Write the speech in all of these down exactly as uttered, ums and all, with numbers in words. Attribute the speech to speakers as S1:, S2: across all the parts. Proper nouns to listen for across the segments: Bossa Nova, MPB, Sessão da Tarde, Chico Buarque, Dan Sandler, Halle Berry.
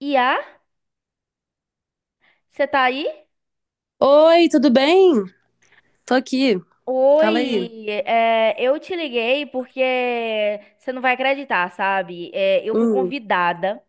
S1: Iá, você tá aí?
S2: Oi, tudo bem? Tô aqui. Fala aí.
S1: Oi, é, eu te liguei porque você não vai acreditar, sabe? É, eu fui
S2: Hum,
S1: convidada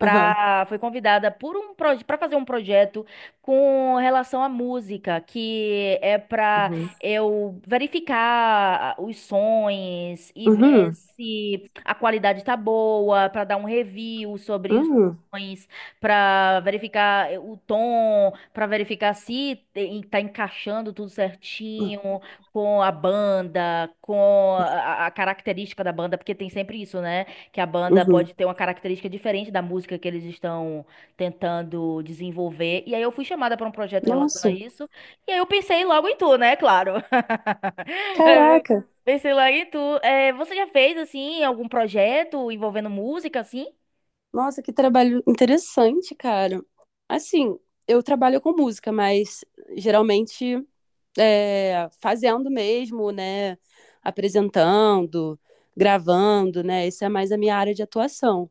S2: aham,
S1: fui convidada por um para fazer um projeto com relação à música, que é para
S2: uhum,
S1: eu verificar os sons e ver
S2: uhum,
S1: se a qualidade tá boa, para dar um review sobre os
S2: uhum,
S1: sons, para verificar eh, o tom, para verificar se eh, tá encaixando tudo certinho com a banda, com a, a característica da banda, porque tem sempre isso, né? Que a banda
S2: uhum.
S1: pode ter uma característica diferente da música que eles estão tentando desenvolver. E aí eu fui chamada para um projeto em relação a
S2: Nossa,
S1: isso, e aí eu pensei logo em tu, né? Claro. Eh,
S2: caraca.
S1: Pensei logo em tu. Eh, você já fez, assim, algum projeto envolvendo música, assim?
S2: Nossa, que trabalho interessante, cara. Assim, eu trabalho com música, mas geralmente é, fazendo mesmo, né? Apresentando, gravando, né? Isso é mais a minha área de atuação,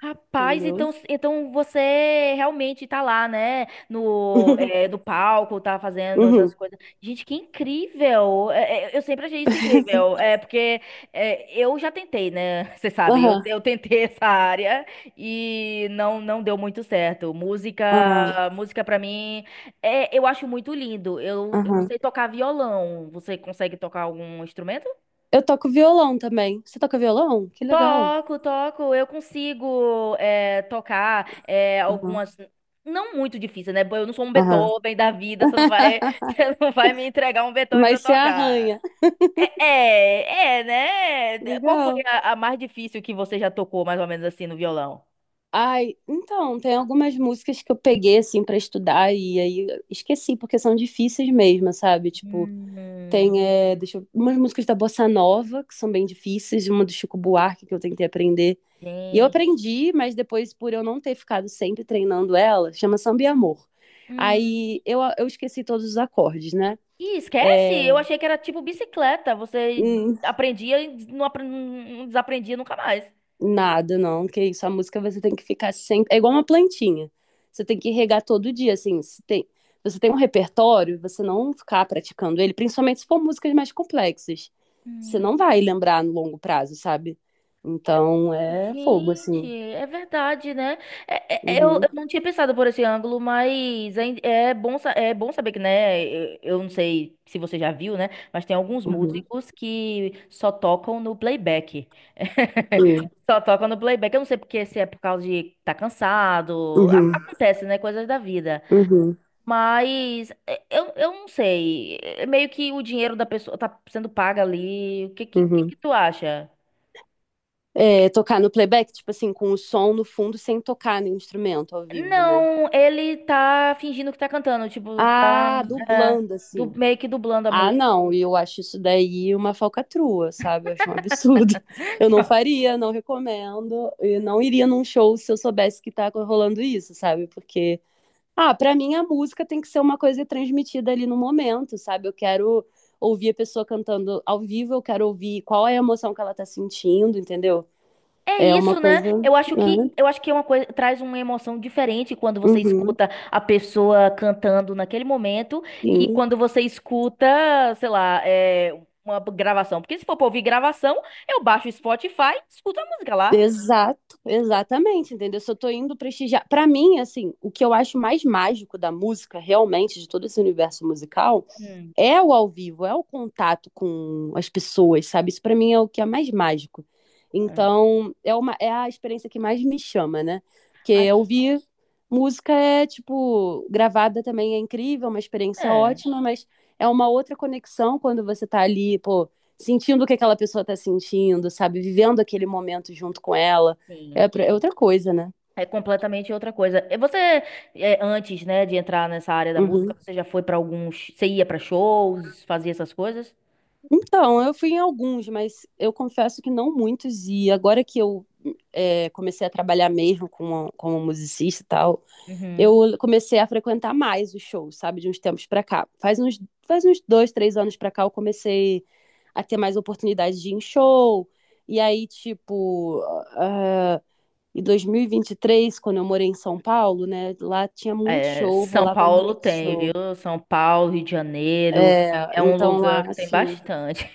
S1: Rapaz,
S2: entendeu?
S1: então, então você realmente tá lá, né? No, é, no palco, tá fazendo
S2: Uhum,
S1: essas coisas. Gente, que incrível! É, é, eu sempre achei isso incrível. É porque é, eu já tentei, né? Você sabe, eu,
S2: aham,
S1: eu tentei essa área e não, não deu muito certo. Música,
S2: ah,
S1: música para mim, é, eu acho muito lindo. Eu, eu
S2: aham.
S1: sei tocar violão. Você consegue tocar algum instrumento?
S2: Eu toco violão também. Você toca violão? Que legal.
S1: Toco, toco, eu consigo é, tocar é, algumas. Não muito difícil, né? Eu não sou um
S2: Aham.
S1: Beethoven da vida, você não vai, você não vai me entregar um Beethoven pra eu
S2: Mas você
S1: tocar.
S2: arranha.
S1: É, é, é, né? Qual foi
S2: Legal.
S1: a, a mais difícil que você já tocou, mais ou menos assim, no violão?
S2: Ai, então, tem algumas músicas que eu peguei, assim, pra estudar e aí eu esqueci, porque são difíceis mesmo, sabe? Tipo,
S1: Hum,
S2: tem, é, deixa eu... umas músicas da Bossa Nova, que são bem difíceis, uma do Chico Buarque, que eu tentei aprender. E eu
S1: gente.
S2: aprendi, mas depois, por eu não ter ficado sempre treinando ela, chama Samba e Amor.
S1: Hum.
S2: Aí eu, eu esqueci todos os acordes, né?
S1: Ih, esquece!
S2: É,
S1: Eu achei que era tipo bicicleta. Você aprendia e não, apre- não desaprendia nunca mais.
S2: nada, não, que isso. A música você tem que ficar sempre. É igual uma plantinha. Você tem que regar todo dia, assim. Se tem... Você tem um repertório, você não ficar praticando ele, principalmente se for músicas mais complexas. Você não vai
S1: Hum.
S2: lembrar no longo prazo, sabe? Então é fogo,
S1: Gente,
S2: assim.
S1: é verdade, né? É- é- é, eu,
S2: Uhum,
S1: eu não tinha pensado por esse ângulo, mas é, in- é bom, sa- é bom saber que, né? Eu, eu não sei se você já viu, né? Mas tem alguns
S2: uhum,
S1: músicos que só tocam no playback.
S2: sim,
S1: Só tocam no playback. Eu não sei porque se é por causa de tá cansado. A-
S2: uhum,
S1: Acontece, né? Coisas da vida.
S2: uhum,
S1: Mas é, eu, eu não sei. É meio que o dinheiro da pessoa tá sendo paga ali. O que, que, que
S2: uhum.
S1: que tu acha?
S2: É, tocar no playback, tipo assim, com o som no fundo sem tocar no instrumento ao vivo, né?
S1: Não, ele tá fingindo que tá cantando, tipo, tá
S2: Ah,
S1: é,
S2: dublando,
S1: du-
S2: assim.
S1: meio que dublando a
S2: Ah,
S1: música.
S2: não, e eu acho isso daí uma falcatrua, sabe? Eu acho um absurdo. Eu não faria, não recomendo, e não iria num show se eu soubesse que tá rolando isso, sabe? Porque, ah, pra mim a música tem que ser uma coisa transmitida ali no momento, sabe? Eu quero ouvir a pessoa cantando ao vivo, eu quero ouvir qual é a emoção que ela tá sentindo, entendeu?
S1: É
S2: É uma
S1: isso, né?
S2: coisa.
S1: Eu acho que
S2: Né?
S1: eu acho que é uma coisa traz uma emoção diferente quando você
S2: Uhum,
S1: escuta a pessoa cantando naquele momento e
S2: sim.
S1: quando você escuta, sei lá, é, uma gravação. Porque se for pra ouvir gravação, eu baixo o Spotify e escuto a música lá.
S2: Exato, exatamente, entendeu? Se eu tô indo prestigiar, pra mim, assim, o que eu acho mais mágico da música, realmente, de todo esse universo musical,
S1: Hum,
S2: é o ao vivo, é o contato com as pessoas, sabe? Isso para mim é o que é mais mágico.
S1: hum.
S2: Então, é uma é a experiência que mais me chama, né?
S1: Ai,
S2: Porque
S1: que...
S2: ouvir música é tipo gravada também é incrível, uma experiência
S1: É,
S2: ótima, mas é uma outra conexão quando você tá ali, pô, sentindo o que aquela pessoa tá sentindo, sabe? Vivendo aquele momento junto com ela.
S1: sim.
S2: É, pra- é outra coisa, né?
S1: É completamente outra coisa. E Você, é, antes, né, de entrar nessa área da música,
S2: Uhum.
S1: você já foi pra alguns, você ia pra shows, fazia essas coisas?
S2: Então, eu fui em alguns, mas eu confesso que não muitos. E agora que eu é, comecei a trabalhar mesmo como, como musicista e tal,
S1: Uhum.
S2: eu comecei a frequentar mais os shows, sabe, de uns tempos pra cá. Faz uns, faz uns dois, três anos pra cá eu comecei a ter mais oportunidade de ir em show. E aí, tipo, ah, em dois mil e vinte e três quando eu morei em São Paulo, né, lá tinha muito
S1: É,
S2: show,
S1: São
S2: rolava
S1: Paulo
S2: muito
S1: tem, viu?
S2: show.
S1: São Paulo, Rio de Janeiro,
S2: É,
S1: é um
S2: então
S1: lugar
S2: lá,
S1: que tem
S2: assim.
S1: bastante.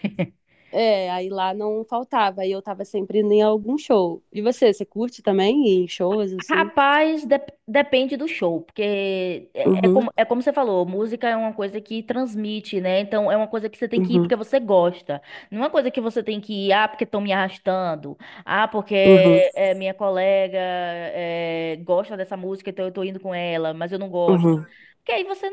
S2: É, aí lá não faltava, aí eu tava sempre indo em algum show. E você, você curte também ir em shows, assim?
S1: Rapaz, dep- depende do show, porque é, é
S2: Uhum,
S1: como, é como você falou, música é uma coisa que transmite, né? Então é uma coisa que você tem que ir
S2: uhum,
S1: porque você gosta. Não é uma coisa que você tem que ir, ah, porque estão me arrastando, ah, porque
S2: uhum,
S1: é, minha colega é, gosta dessa música, então eu tô indo com ela, mas eu não gosto.
S2: uhum,
S1: Porque aí você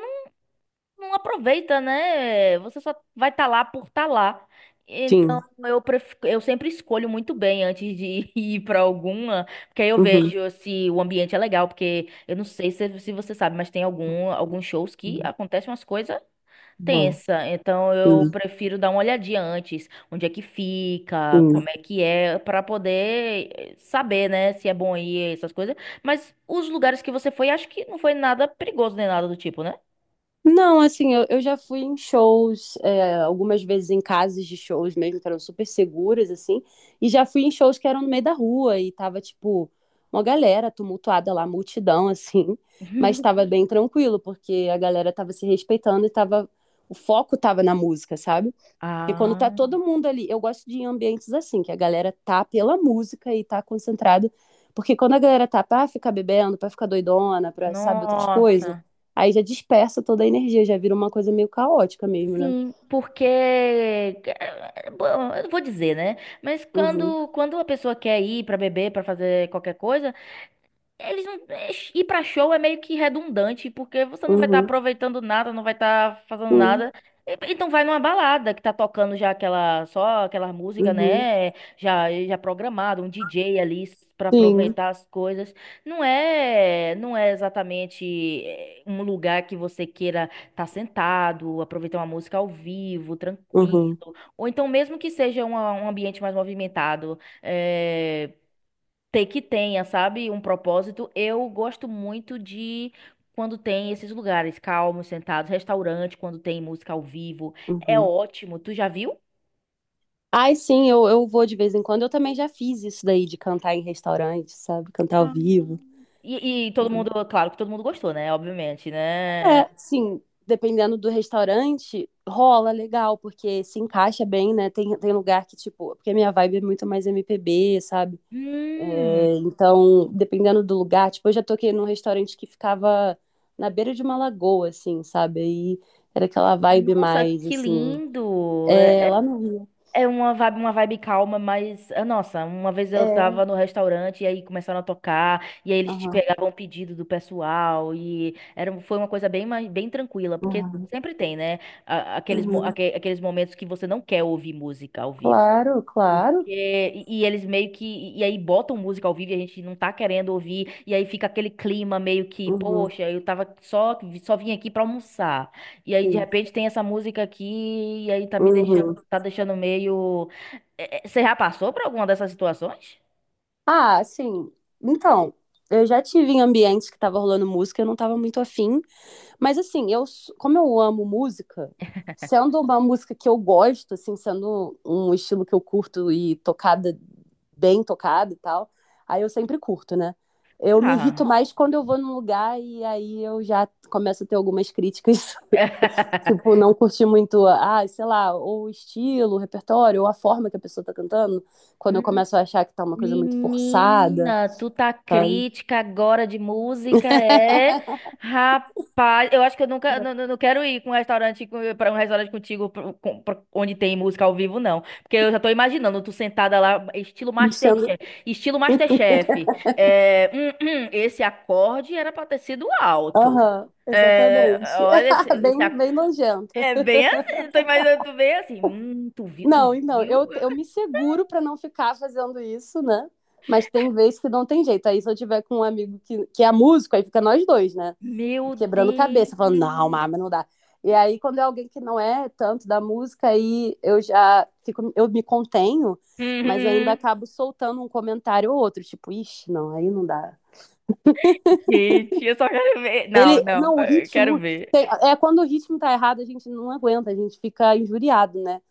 S1: não aproveita, né? Você só vai estar lá por estar lá. Então,
S2: sim,
S1: eu, pref... eu sempre escolho muito bem antes de ir para alguma, porque aí eu
S2: uhum,
S1: vejo se o ambiente é legal, porque eu não sei se, se você sabe, mas tem algum, alguns shows que
S2: uhum,
S1: acontecem umas coisas
S2: uhum,
S1: tensa. Então, eu
S2: sim,
S1: prefiro dar uma olhadinha antes, onde é que fica,
S2: sim.
S1: como é que é, para poder eh, saber, né, se é bom ir, essas coisas. Mas os lugares que você foi, acho que não foi nada perigoso nem nada do tipo, né?
S2: Não, assim, eu, eu já fui em shows, é, algumas vezes em casas de shows mesmo, que eram super seguras, assim, e já fui em shows que eram no meio da rua e tava, tipo, uma galera tumultuada lá, multidão, assim, mas
S1: Meu
S2: tava bem tranquilo, porque a galera tava se respeitando e tava, o foco tava na música, sabe? Porque quando tá
S1: Ah,
S2: todo mundo ali, eu gosto de ir em ambientes assim, que a galera tá pela música e tá concentrada. Porque quando a galera tá pra ficar bebendo, pra ficar doidona, pra, sabe, outras coisas,
S1: nossa.
S2: aí já dispersa toda a energia, já vira uma coisa meio caótica mesmo, né?
S1: Sim, porque eh, bom, eu vou dizer, né? Mas
S2: Uhum,
S1: quando quando a pessoa quer ir para beber, para fazer qualquer coisa, Eles não. é, Ir pra show é meio que redundante, porque você não vai estar
S2: uhum,
S1: aproveitando nada, não vai estar fazendo
S2: uhum,
S1: nada. E- Então vai numa balada que tá tocando já aquela, só aquela música,
S2: uhum,
S1: né? Já, já programada, um D J ali s- pra
S2: sim,
S1: aproveitar as coisas. Não é, não é exatamente é, um lugar que você queira estar sentado, aproveitar uma música ao vivo, tranquilo.
S2: uhum,
S1: Ou então mesmo que seja uma- um ambiente mais movimentado. eh, ter que tenha, sabe, um propósito. Eu gosto muito de quando tem esses lugares calmos, sentados, restaurante, quando tem música ao vivo. É
S2: uhum.
S1: ótimo. Tu já viu?
S2: Ai, sim, eu, eu vou de vez em quando. Eu também já fiz isso daí de cantar em restaurante, sabe? Cantar ao
S1: Ah.
S2: vivo.
S1: E, e todo mundo, claro que todo mundo gostou, né? Obviamente, né?
S2: É, sim, dependendo do restaurante, rola legal, porque se encaixa bem, né? Tem, tem lugar que, tipo, porque a minha vibe é muito mais M P B sabe? É,
S1: Hum,
S2: então, dependendo do lugar, tipo, eu já toquei num restaurante que ficava na beira de uma lagoa, assim, sabe? Aí era aquela vibe
S1: nossa,
S2: mais,
S1: que
S2: assim,
S1: lindo!
S2: é, lá no Rio.
S1: É uma vibe, uma vibe calma, mas, ah, nossa, uma vez eu
S2: É,
S1: tava no restaurante e aí começaram a tocar, e aí eles te
S2: aham,
S1: pegavam o pedido do pessoal, e era, foi uma coisa bem, mais- bem tranquila, porque
S2: aham,
S1: sempre tem, né? a- Aqueles, mo-
S2: aham.
S1: aque- aqueles momentos que você não quer ouvir música ao vivo.
S2: Claro, claro.
S1: Porque, e, e eles meio que, e, e aí botam música ao vivo e a gente não tá querendo ouvir, e aí fica aquele clima meio que,
S2: Uhum,
S1: poxa, eu tava só, só vim aqui pra almoçar, e aí de
S2: sim.
S1: repente tem essa música aqui, e aí tá me deixando,
S2: Uhum.
S1: tá deixando meio... É, é, Você já passou por alguma dessas situações?
S2: Ah, assim, então, eu já tive em ambientes que tava rolando música, eu não tava muito afim, mas assim, eu, s- como eu amo música, sendo uma música que eu gosto, assim, sendo um estilo que eu curto e tocada, bem tocada e tal, aí eu sempre curto, né? Eu me irrito
S1: Ah...
S2: mais quando eu vou num lugar e aí eu já começo a ter algumas críticas, tipo, não curti muito, ah, sei lá, ou o estilo, o repertório, ou a forma que a pessoa tá cantando, quando eu começo a achar que tá uma coisa muito forçada
S1: Menina, tu tá
S2: sabe?
S1: crítica agora de música, é? Rapaz, eu acho que eu nunca, não, não não quero ir com um restaurante para um restaurante contigo pro- com- pro- onde tem música ao vivo, não. Porque eu já tô imaginando tu sentada lá, estilo
S2: Enchendo.
S1: Masterchef, estilo Masterchef. É, hum, hum, esse acorde era pra ter sido alto.
S2: Aham,
S1: É,
S2: exatamente.
S1: olha, esse, esse
S2: Bem,
S1: ac-
S2: bem nojenta.
S1: é bem assim, tô imaginando tu bem assim, hum, tu viu, tu
S2: Não, então,
S1: viu?
S2: eu, eu me seguro pra não ficar fazendo isso, né? Mas tem vezes que não tem jeito. Aí se eu tiver com um amigo que, que é músico, aí fica nós dois, né?
S1: Meu
S2: Quebrando
S1: Deus.
S2: cabeça, falando, não, mas não dá. E aí, quando é alguém que não é tanto da música, aí eu já fico, eu me contenho, mas ainda
S1: Uhum.
S2: acabo soltando um comentário ou outro, tipo, ixi, não, aí não dá.
S1: Gente, eu só quero ver. Não,
S2: Ele,
S1: não,
S2: não, o
S1: eu quero
S2: ritmo
S1: ver.
S2: tem- é quando o ritmo tá errado, a gente não aguenta, a gente fica injuriado, né?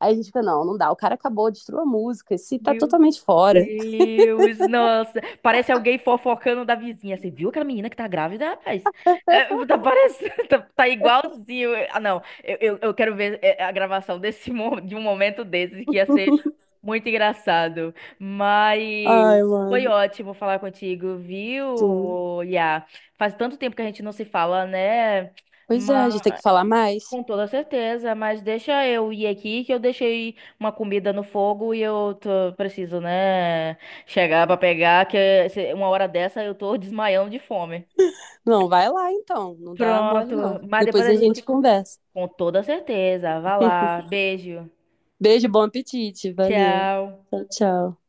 S2: Aí a gente fica, não, não dá, o cara acabou, destruiu a música, esse tá
S1: Meu
S2: totalmente fora.
S1: Deus, nossa. Parece alguém fofocando da vizinha. Você viu aquela menina que tá grávida, rapaz? É, tá parecendo, tá, tá igualzinho. Ah, não, eu, eu, eu quero ver é, a gravação desse, mo- de um momento desses, que ia ser muito engraçado. Mas
S2: Ai,
S1: foi
S2: mano,
S1: ótimo falar contigo,
S2: sim.
S1: viu, Iá? Faz tanto tempo que a gente não se fala, né?
S2: Pois é, a gente tem que falar mais.
S1: Com toda certeza, mas deixa eu ir aqui que eu deixei uma comida no fogo e eu tô- preciso, né, chegar pra pegar, que se- uma hora dessa eu tô desmaiando de fome.
S2: Não, vai lá então, não dá mole
S1: Pronto,
S2: não.
S1: mas depois
S2: Depois
S1: a
S2: a gente
S1: gente,
S2: conversa.
S1: com toda certeza, vai lá, beijo,
S2: Beijo, bom apetite, valeu.
S1: tchau.
S2: Tchau, tchau.